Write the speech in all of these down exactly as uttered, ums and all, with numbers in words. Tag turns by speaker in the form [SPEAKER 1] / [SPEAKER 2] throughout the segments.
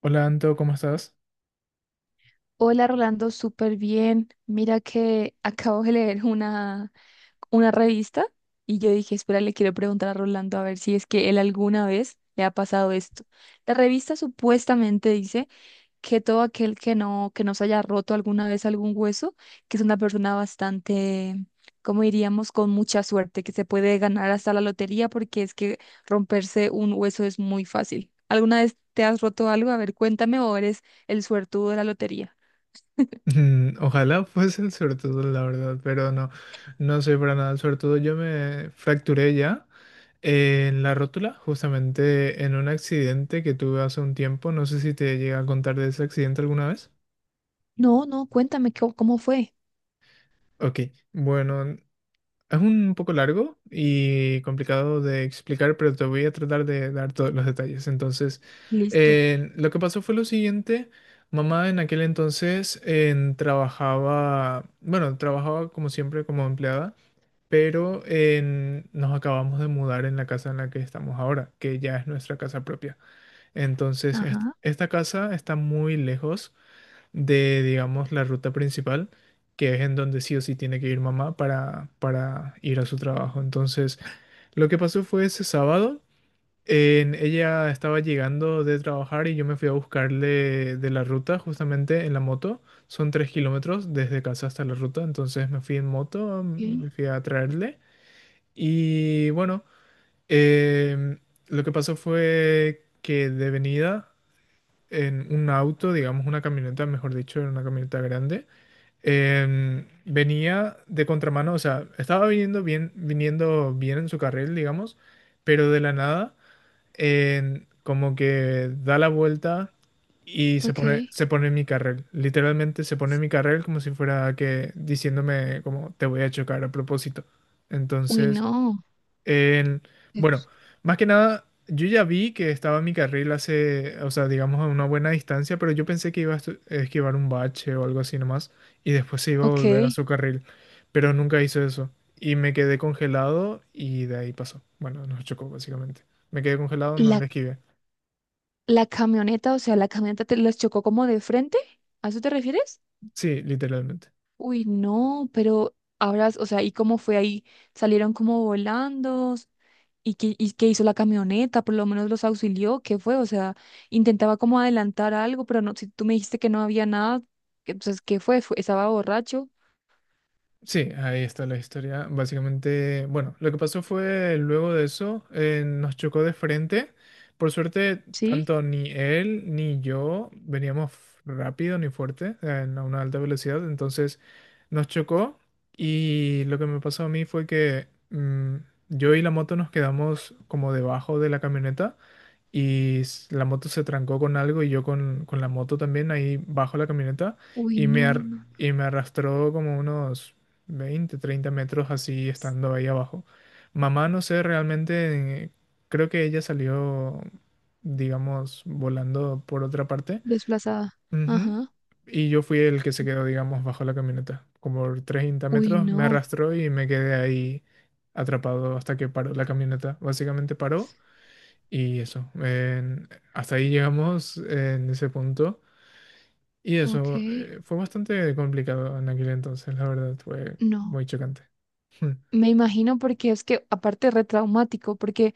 [SPEAKER 1] Hola Anto, ¿cómo estás?
[SPEAKER 2] Hola Rolando, súper bien. Mira que acabo de leer una, una revista y yo dije, espera, le quiero preguntar a Rolando a ver si es que él alguna vez le ha pasado esto. La revista supuestamente dice que todo aquel que no, que no se haya roto alguna vez algún hueso, que es una persona bastante, como diríamos, con mucha suerte, que se puede ganar hasta la lotería porque es que romperse un hueso es muy fácil. ¿Alguna vez te has roto algo? A ver, cuéntame o eres el suertudo de la lotería.
[SPEAKER 1] Mm, ojalá fuese el suertudo, la verdad, pero no, no soy para nada el suertudo. Yo me fracturé ya eh, en la rótula, justamente en un accidente que tuve hace un tiempo. No sé si te llegué a contar de ese accidente alguna vez.
[SPEAKER 2] No, no, cuéntame cómo, cómo fue.
[SPEAKER 1] Ok, bueno. Es un poco largo y complicado de explicar, pero te voy a tratar de dar todos los detalles. Entonces,
[SPEAKER 2] Listo.
[SPEAKER 1] eh, lo que pasó fue lo siguiente. Mamá en aquel entonces eh, trabajaba, bueno, trabajaba como siempre como empleada, pero eh, nos acabamos de mudar en la casa en la que estamos ahora, que ya es nuestra casa propia. Entonces, est-
[SPEAKER 2] Ajá.
[SPEAKER 1] esta casa está muy lejos de, digamos, la ruta principal, que es en donde sí o sí tiene que ir mamá para, para ir a su trabajo. Entonces, lo que pasó fue ese sábado, en- ella estaba llegando de trabajar y yo me fui a buscarle de la ruta justamente en la moto. Son tres kilómetros desde casa hasta la ruta, entonces me fui en moto,
[SPEAKER 2] Okay.
[SPEAKER 1] me fui a traerle. Y bueno, em, lo que pasó fue que de venida en un auto, digamos una camioneta, mejor dicho, era una camioneta grande em, venía de contramano, o sea, estaba viniendo bien, viniendo bien en su carril, digamos, pero de la nada, em, como que da la vuelta y se pone,
[SPEAKER 2] Okay.
[SPEAKER 1] se pone en mi carril. Literalmente se pone en mi carril como si fuera que diciéndome como te voy a chocar a propósito.
[SPEAKER 2] Uy,
[SPEAKER 1] Entonces,
[SPEAKER 2] no.
[SPEAKER 1] en-
[SPEAKER 2] Eh,
[SPEAKER 1] bueno, más que nada, yo ya vi que estaba en mi carril hace, o sea, digamos a una buena distancia, pero yo pensé que iba a estu- esquivar un bache o algo así nomás y después se iba a volver a
[SPEAKER 2] Ok.
[SPEAKER 1] su carril, pero nunca hizo eso y me quedé congelado y de ahí pasó. Bueno, nos chocó básicamente. Me quedé congelado, no
[SPEAKER 2] La,
[SPEAKER 1] le esquivé.
[SPEAKER 2] la camioneta, o sea, la camioneta te los chocó como de frente. ¿A eso te refieres?
[SPEAKER 1] Sí, literalmente.
[SPEAKER 2] Uy, no, pero ahora, o sea, ¿y cómo fue ahí? ¿Salieron como volando? ¿Y qué, y qué hizo la camioneta? Por lo menos los auxilió. ¿Qué fue? O sea, intentaba como adelantar algo, pero no, si tú me dijiste que no había nada, entonces, ¿qué fue? Fue- ¿Estaba borracho?
[SPEAKER 1] Sí, ahí está la historia. Básicamente, bueno, lo que pasó fue luego de eso, eh, nos chocó de frente. Por suerte,
[SPEAKER 2] ¿Sí?
[SPEAKER 1] tanto ni él ni yo veníamos f- rápido ni fuerte, eh, a una alta velocidad. Entonces, nos chocó y lo que me pasó a mí fue que mm, yo y la moto nos quedamos como debajo de la camioneta y s- la moto se trancó con algo y yo con, con la moto también ahí bajo la camioneta
[SPEAKER 2] Uy,
[SPEAKER 1] y me,
[SPEAKER 2] no,
[SPEAKER 1] ar-
[SPEAKER 2] no.
[SPEAKER 1] y me arrastró como unos veinte treinta metros así estando ahí abajo. Mamá, no sé realmente, eh, creo que ella salió, digamos, volando por otra parte.
[SPEAKER 2] Desplazada.
[SPEAKER 1] Ujú.
[SPEAKER 2] Ajá.
[SPEAKER 1] Y yo fui el que se quedó, digamos, bajo la camioneta. Como por treinta
[SPEAKER 2] Uy,
[SPEAKER 1] metros me
[SPEAKER 2] no.
[SPEAKER 1] arrastró y me quedé ahí atrapado hasta que paró la camioneta. Básicamente paró y eso, en- hasta ahí llegamos en ese punto. Y
[SPEAKER 2] Ok.
[SPEAKER 1] eso, eh, fue bastante complicado en aquel entonces, la verdad, fue
[SPEAKER 2] No.
[SPEAKER 1] muy chocante.
[SPEAKER 2] Me imagino porque es que aparte retraumático, porque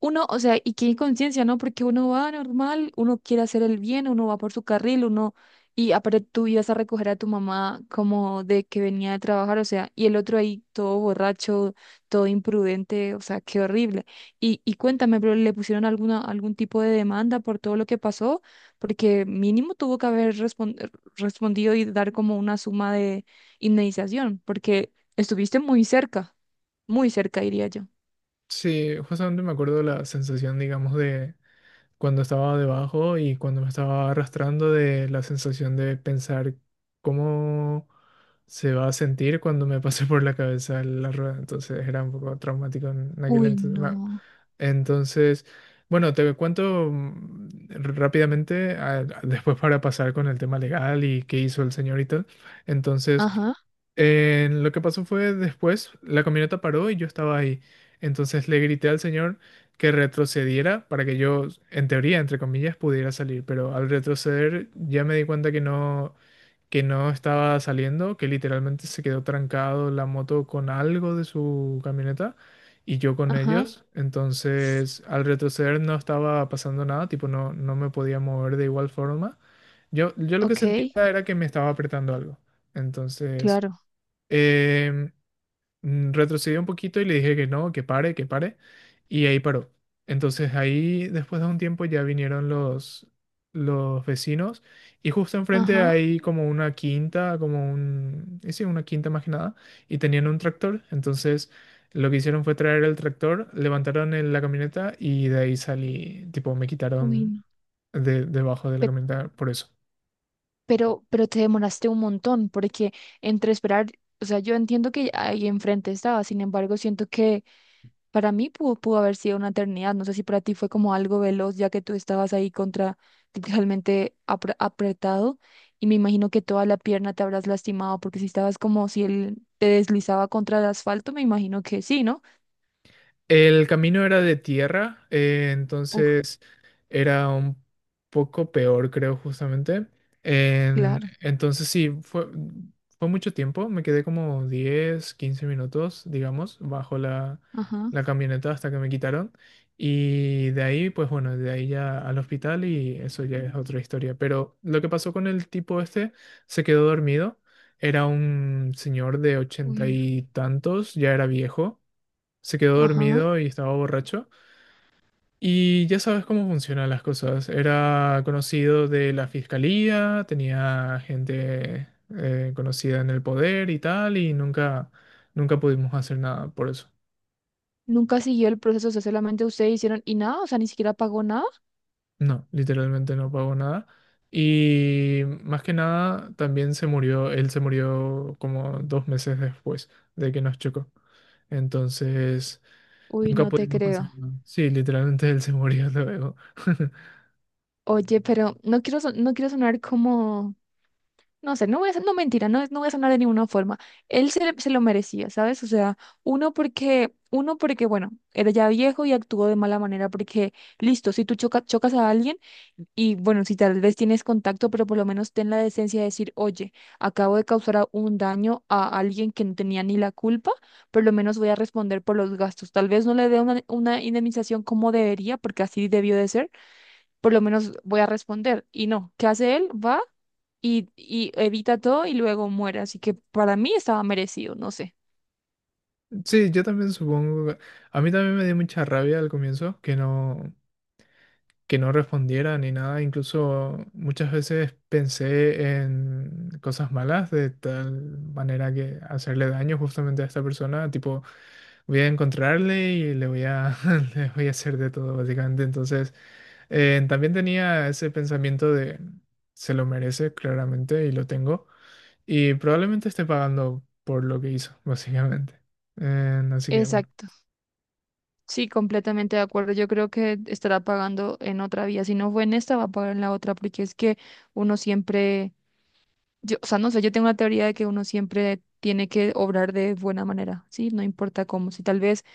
[SPEAKER 2] uno, o sea, y qué inconsciencia, ¿no? Porque uno va normal, uno quiere hacer el bien, uno va por su carril, uno, y aparte tú ibas a recoger a tu mamá como de que venía de trabajar, o sea, y el otro ahí todo borracho, todo imprudente, o sea, qué horrible. Y, y cuéntame, pero ¿le pusieron alguna, algún tipo de demanda por todo lo que pasó? Porque mínimo tuvo que haber respon- respondido y dar como una suma de indemnización, porque estuviste muy cerca, muy cerca, diría yo.
[SPEAKER 1] Sí, justamente me acuerdo la sensación, digamos, de cuando estaba debajo y cuando me estaba arrastrando de la sensación de pensar cómo se va a sentir cuando me pase por la cabeza la rueda. Entonces era un poco traumático en aquel
[SPEAKER 2] Uy,
[SPEAKER 1] entonces. Ma-
[SPEAKER 2] no.
[SPEAKER 1] Entonces, bueno, te cuento mm, rápidamente, a- a- después para pasar con el tema legal y qué hizo el señor y tal. Entonces...
[SPEAKER 2] Ajá.
[SPEAKER 1] Eh, lo que pasó fue después, la camioneta paró y yo estaba ahí. Entonces le grité al señor que retrocediera para que yo, en teoría, entre comillas, pudiera salir. Pero al retroceder ya me di cuenta que no, que no estaba saliendo, que literalmente se quedó trancado la moto con algo de su camioneta y yo con
[SPEAKER 2] Ajá.
[SPEAKER 1] ellos. Entonces al retroceder no estaba pasando nada, tipo no, no me podía mover de igual forma. Yo, yo lo que
[SPEAKER 2] Ok,
[SPEAKER 1] sentía era que me estaba apretando algo. Entonces...
[SPEAKER 2] claro.
[SPEAKER 1] Eh, mm, retrocedió un poquito y le dije que no, que pare, que pare, y ahí paró. Entonces ahí, después de un tiempo, ya vinieron los, los vecinos y justo enfrente
[SPEAKER 2] Ajá.
[SPEAKER 1] hay como una quinta, como un, eh, sí, una quinta más que nada, y tenían un tractor. Entonces lo que hicieron fue traer el tractor, levantaron el- la camioneta y de ahí salí, tipo, me
[SPEAKER 2] Uy,
[SPEAKER 1] quitaron
[SPEAKER 2] no.
[SPEAKER 1] de, debajo de la
[SPEAKER 2] Pe-
[SPEAKER 1] camioneta por eso.
[SPEAKER 2] pero, pero te demoraste un montón, porque entre esperar, o sea, yo entiendo que ahí enfrente estaba, sin embargo, siento que para mí pudo, pudo haber sido una eternidad. No sé si para ti fue como algo veloz, ya que tú estabas ahí contra literalmente apre- apretado, y me imagino que toda la pierna te habrás lastimado, porque si estabas como si él te deslizaba contra el asfalto, me imagino que sí, ¿no?
[SPEAKER 1] El camino era de tierra, eh,
[SPEAKER 2] Uf,
[SPEAKER 1] entonces era un poco peor, creo, justamente. En-
[SPEAKER 2] claro.
[SPEAKER 1] entonces sí, fue, fue mucho tiempo, me quedé como diez, quince minutos, digamos, bajo la,
[SPEAKER 2] Ajá.
[SPEAKER 1] la camioneta hasta que me quitaron. Y de ahí, pues bueno, de ahí ya al hospital y eso ya es otra historia. Pero lo que pasó con el tipo este, se quedó dormido, era un señor de ochenta
[SPEAKER 2] Uy, no.
[SPEAKER 1] y tantos, ya era viejo, se quedó
[SPEAKER 2] Ajá.
[SPEAKER 1] dormido y estaba borracho. Y ya sabes cómo funcionan las cosas. Era conocido de la fiscalía, tenía gente eh, conocida en el poder y tal, y nunca, nunca pudimos hacer nada por eso.
[SPEAKER 2] Nunca siguió el proceso, o sea, solamente ustedes hicieron y nada, o sea, ni siquiera pagó nada.
[SPEAKER 1] No, literalmente no pagó nada. Y más que nada, también se murió, él se murió como dos meses después de que nos chocó. Entonces,
[SPEAKER 2] Uy,
[SPEAKER 1] nunca
[SPEAKER 2] no te
[SPEAKER 1] pudimos
[SPEAKER 2] creo.
[SPEAKER 1] conseguir nada. Sí, literalmente él se murió luego.
[SPEAKER 2] Oye, pero no quiero, son- no quiero sonar como, no sé, no voy a, son- no mentira, no, no voy a sonar de ninguna forma. Él se, le- se lo merecía, ¿sabes? O sea, uno porque, uno porque, bueno, era ya viejo y actuó de mala manera, porque, listo, si tú choca- chocas a alguien, y bueno, si tal vez tienes contacto, pero por lo menos ten la decencia de decir, oye, acabo de causar a- un daño a alguien que no tenía ni la culpa, por lo menos voy a responder por los gastos. Tal vez no le dé una, una indemnización como debería, porque así debió de ser, por lo menos voy a responder. Y no, ¿qué hace él? Va y, y evita todo y luego muere. Así que para mí estaba merecido, no sé.
[SPEAKER 1] Sí, yo también supongo. que- A mí también me dio mucha rabia al comienzo que no, que no respondiera ni nada. Incluso muchas veces pensé en cosas malas de tal manera que hacerle daño justamente a esta persona. Tipo, voy a encontrarle y le voy a, le voy a hacer de todo, básicamente. Entonces, eh, también tenía ese pensamiento de se lo merece, claramente, y lo tengo. Y probablemente esté pagando por lo que hizo, básicamente. Eh, así que bueno.
[SPEAKER 2] Exacto. Sí, completamente de acuerdo. Yo creo que estará pagando en otra vía. Si no fue en esta, va a pagar en la otra, porque es que uno siempre. Yo, o sea, no sé, yo tengo una teoría de que uno siempre tiene que obrar de buena manera, ¿sí? No importa cómo. Si tal vez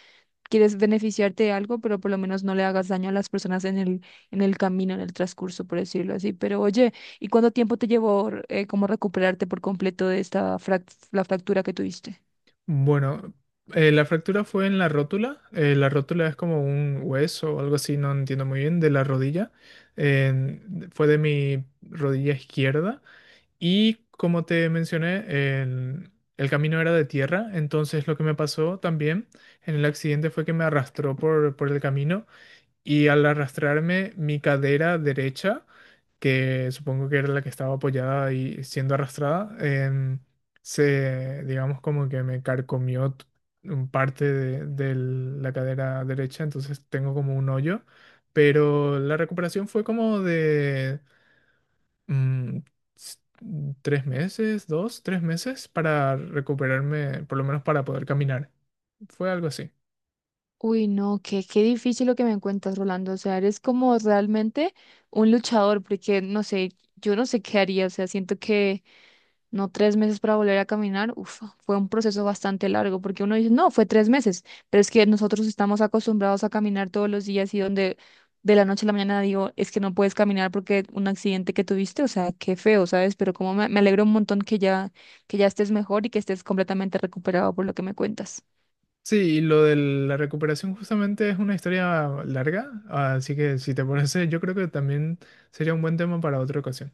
[SPEAKER 2] quieres beneficiarte de algo, pero por lo menos no le hagas daño a las personas en el, en el camino, en el transcurso, por decirlo así. Pero oye, ¿y cuánto tiempo te llevó eh, como recuperarte por completo de esta frac- la fractura que tuviste?
[SPEAKER 1] Bueno, eh, la fractura fue en la rótula. Eh, la rótula es como un hueso o algo así, no entiendo muy bien, de la rodilla. En- fue de mi rodilla izquierda. Y como te mencioné, el, el camino era de tierra. Entonces lo que me pasó también en el accidente fue que me arrastró por, por el camino y al arrastrarme mi cadera derecha, que supongo que era la que estaba apoyada y siendo arrastrada, em, se, digamos, como que me carcomió t- un parte de, de la cadera derecha, entonces tengo como un hoyo, pero la recuperación fue como de mm, s- tres meses, dos, tres meses para recuperarme, por lo menos para poder caminar. Fue algo así.
[SPEAKER 2] Uy, no, qué, qué difícil lo que me cuentas, Rolando. O sea, eres como realmente un luchador, porque no sé, yo no sé qué haría. O sea, siento que no tres meses para volver a caminar, uf, fue un proceso bastante largo, porque uno dice, no, fue tres meses, pero es que nosotros estamos acostumbrados a caminar todos los días y donde de la noche a la mañana digo, es que no puedes caminar porque un accidente que tuviste, o sea, qué feo, ¿sabes? Pero como me, me alegro un montón que ya, que ya estés mejor y que estés completamente recuperado por lo que me cuentas.
[SPEAKER 1] Sí, y lo de la recuperación justamente es una historia larga, así que si te parece, yo creo que también sería un buen tema para otra ocasión.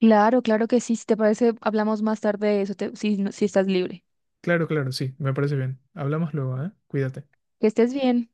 [SPEAKER 2] Claro, claro que sí, si te parece, hablamos más tarde de eso, te- si, no- si estás libre.
[SPEAKER 1] Claro, claro, sí, me parece bien. Hablamos luego, ¿eh? Cuídate.
[SPEAKER 2] Que estés bien.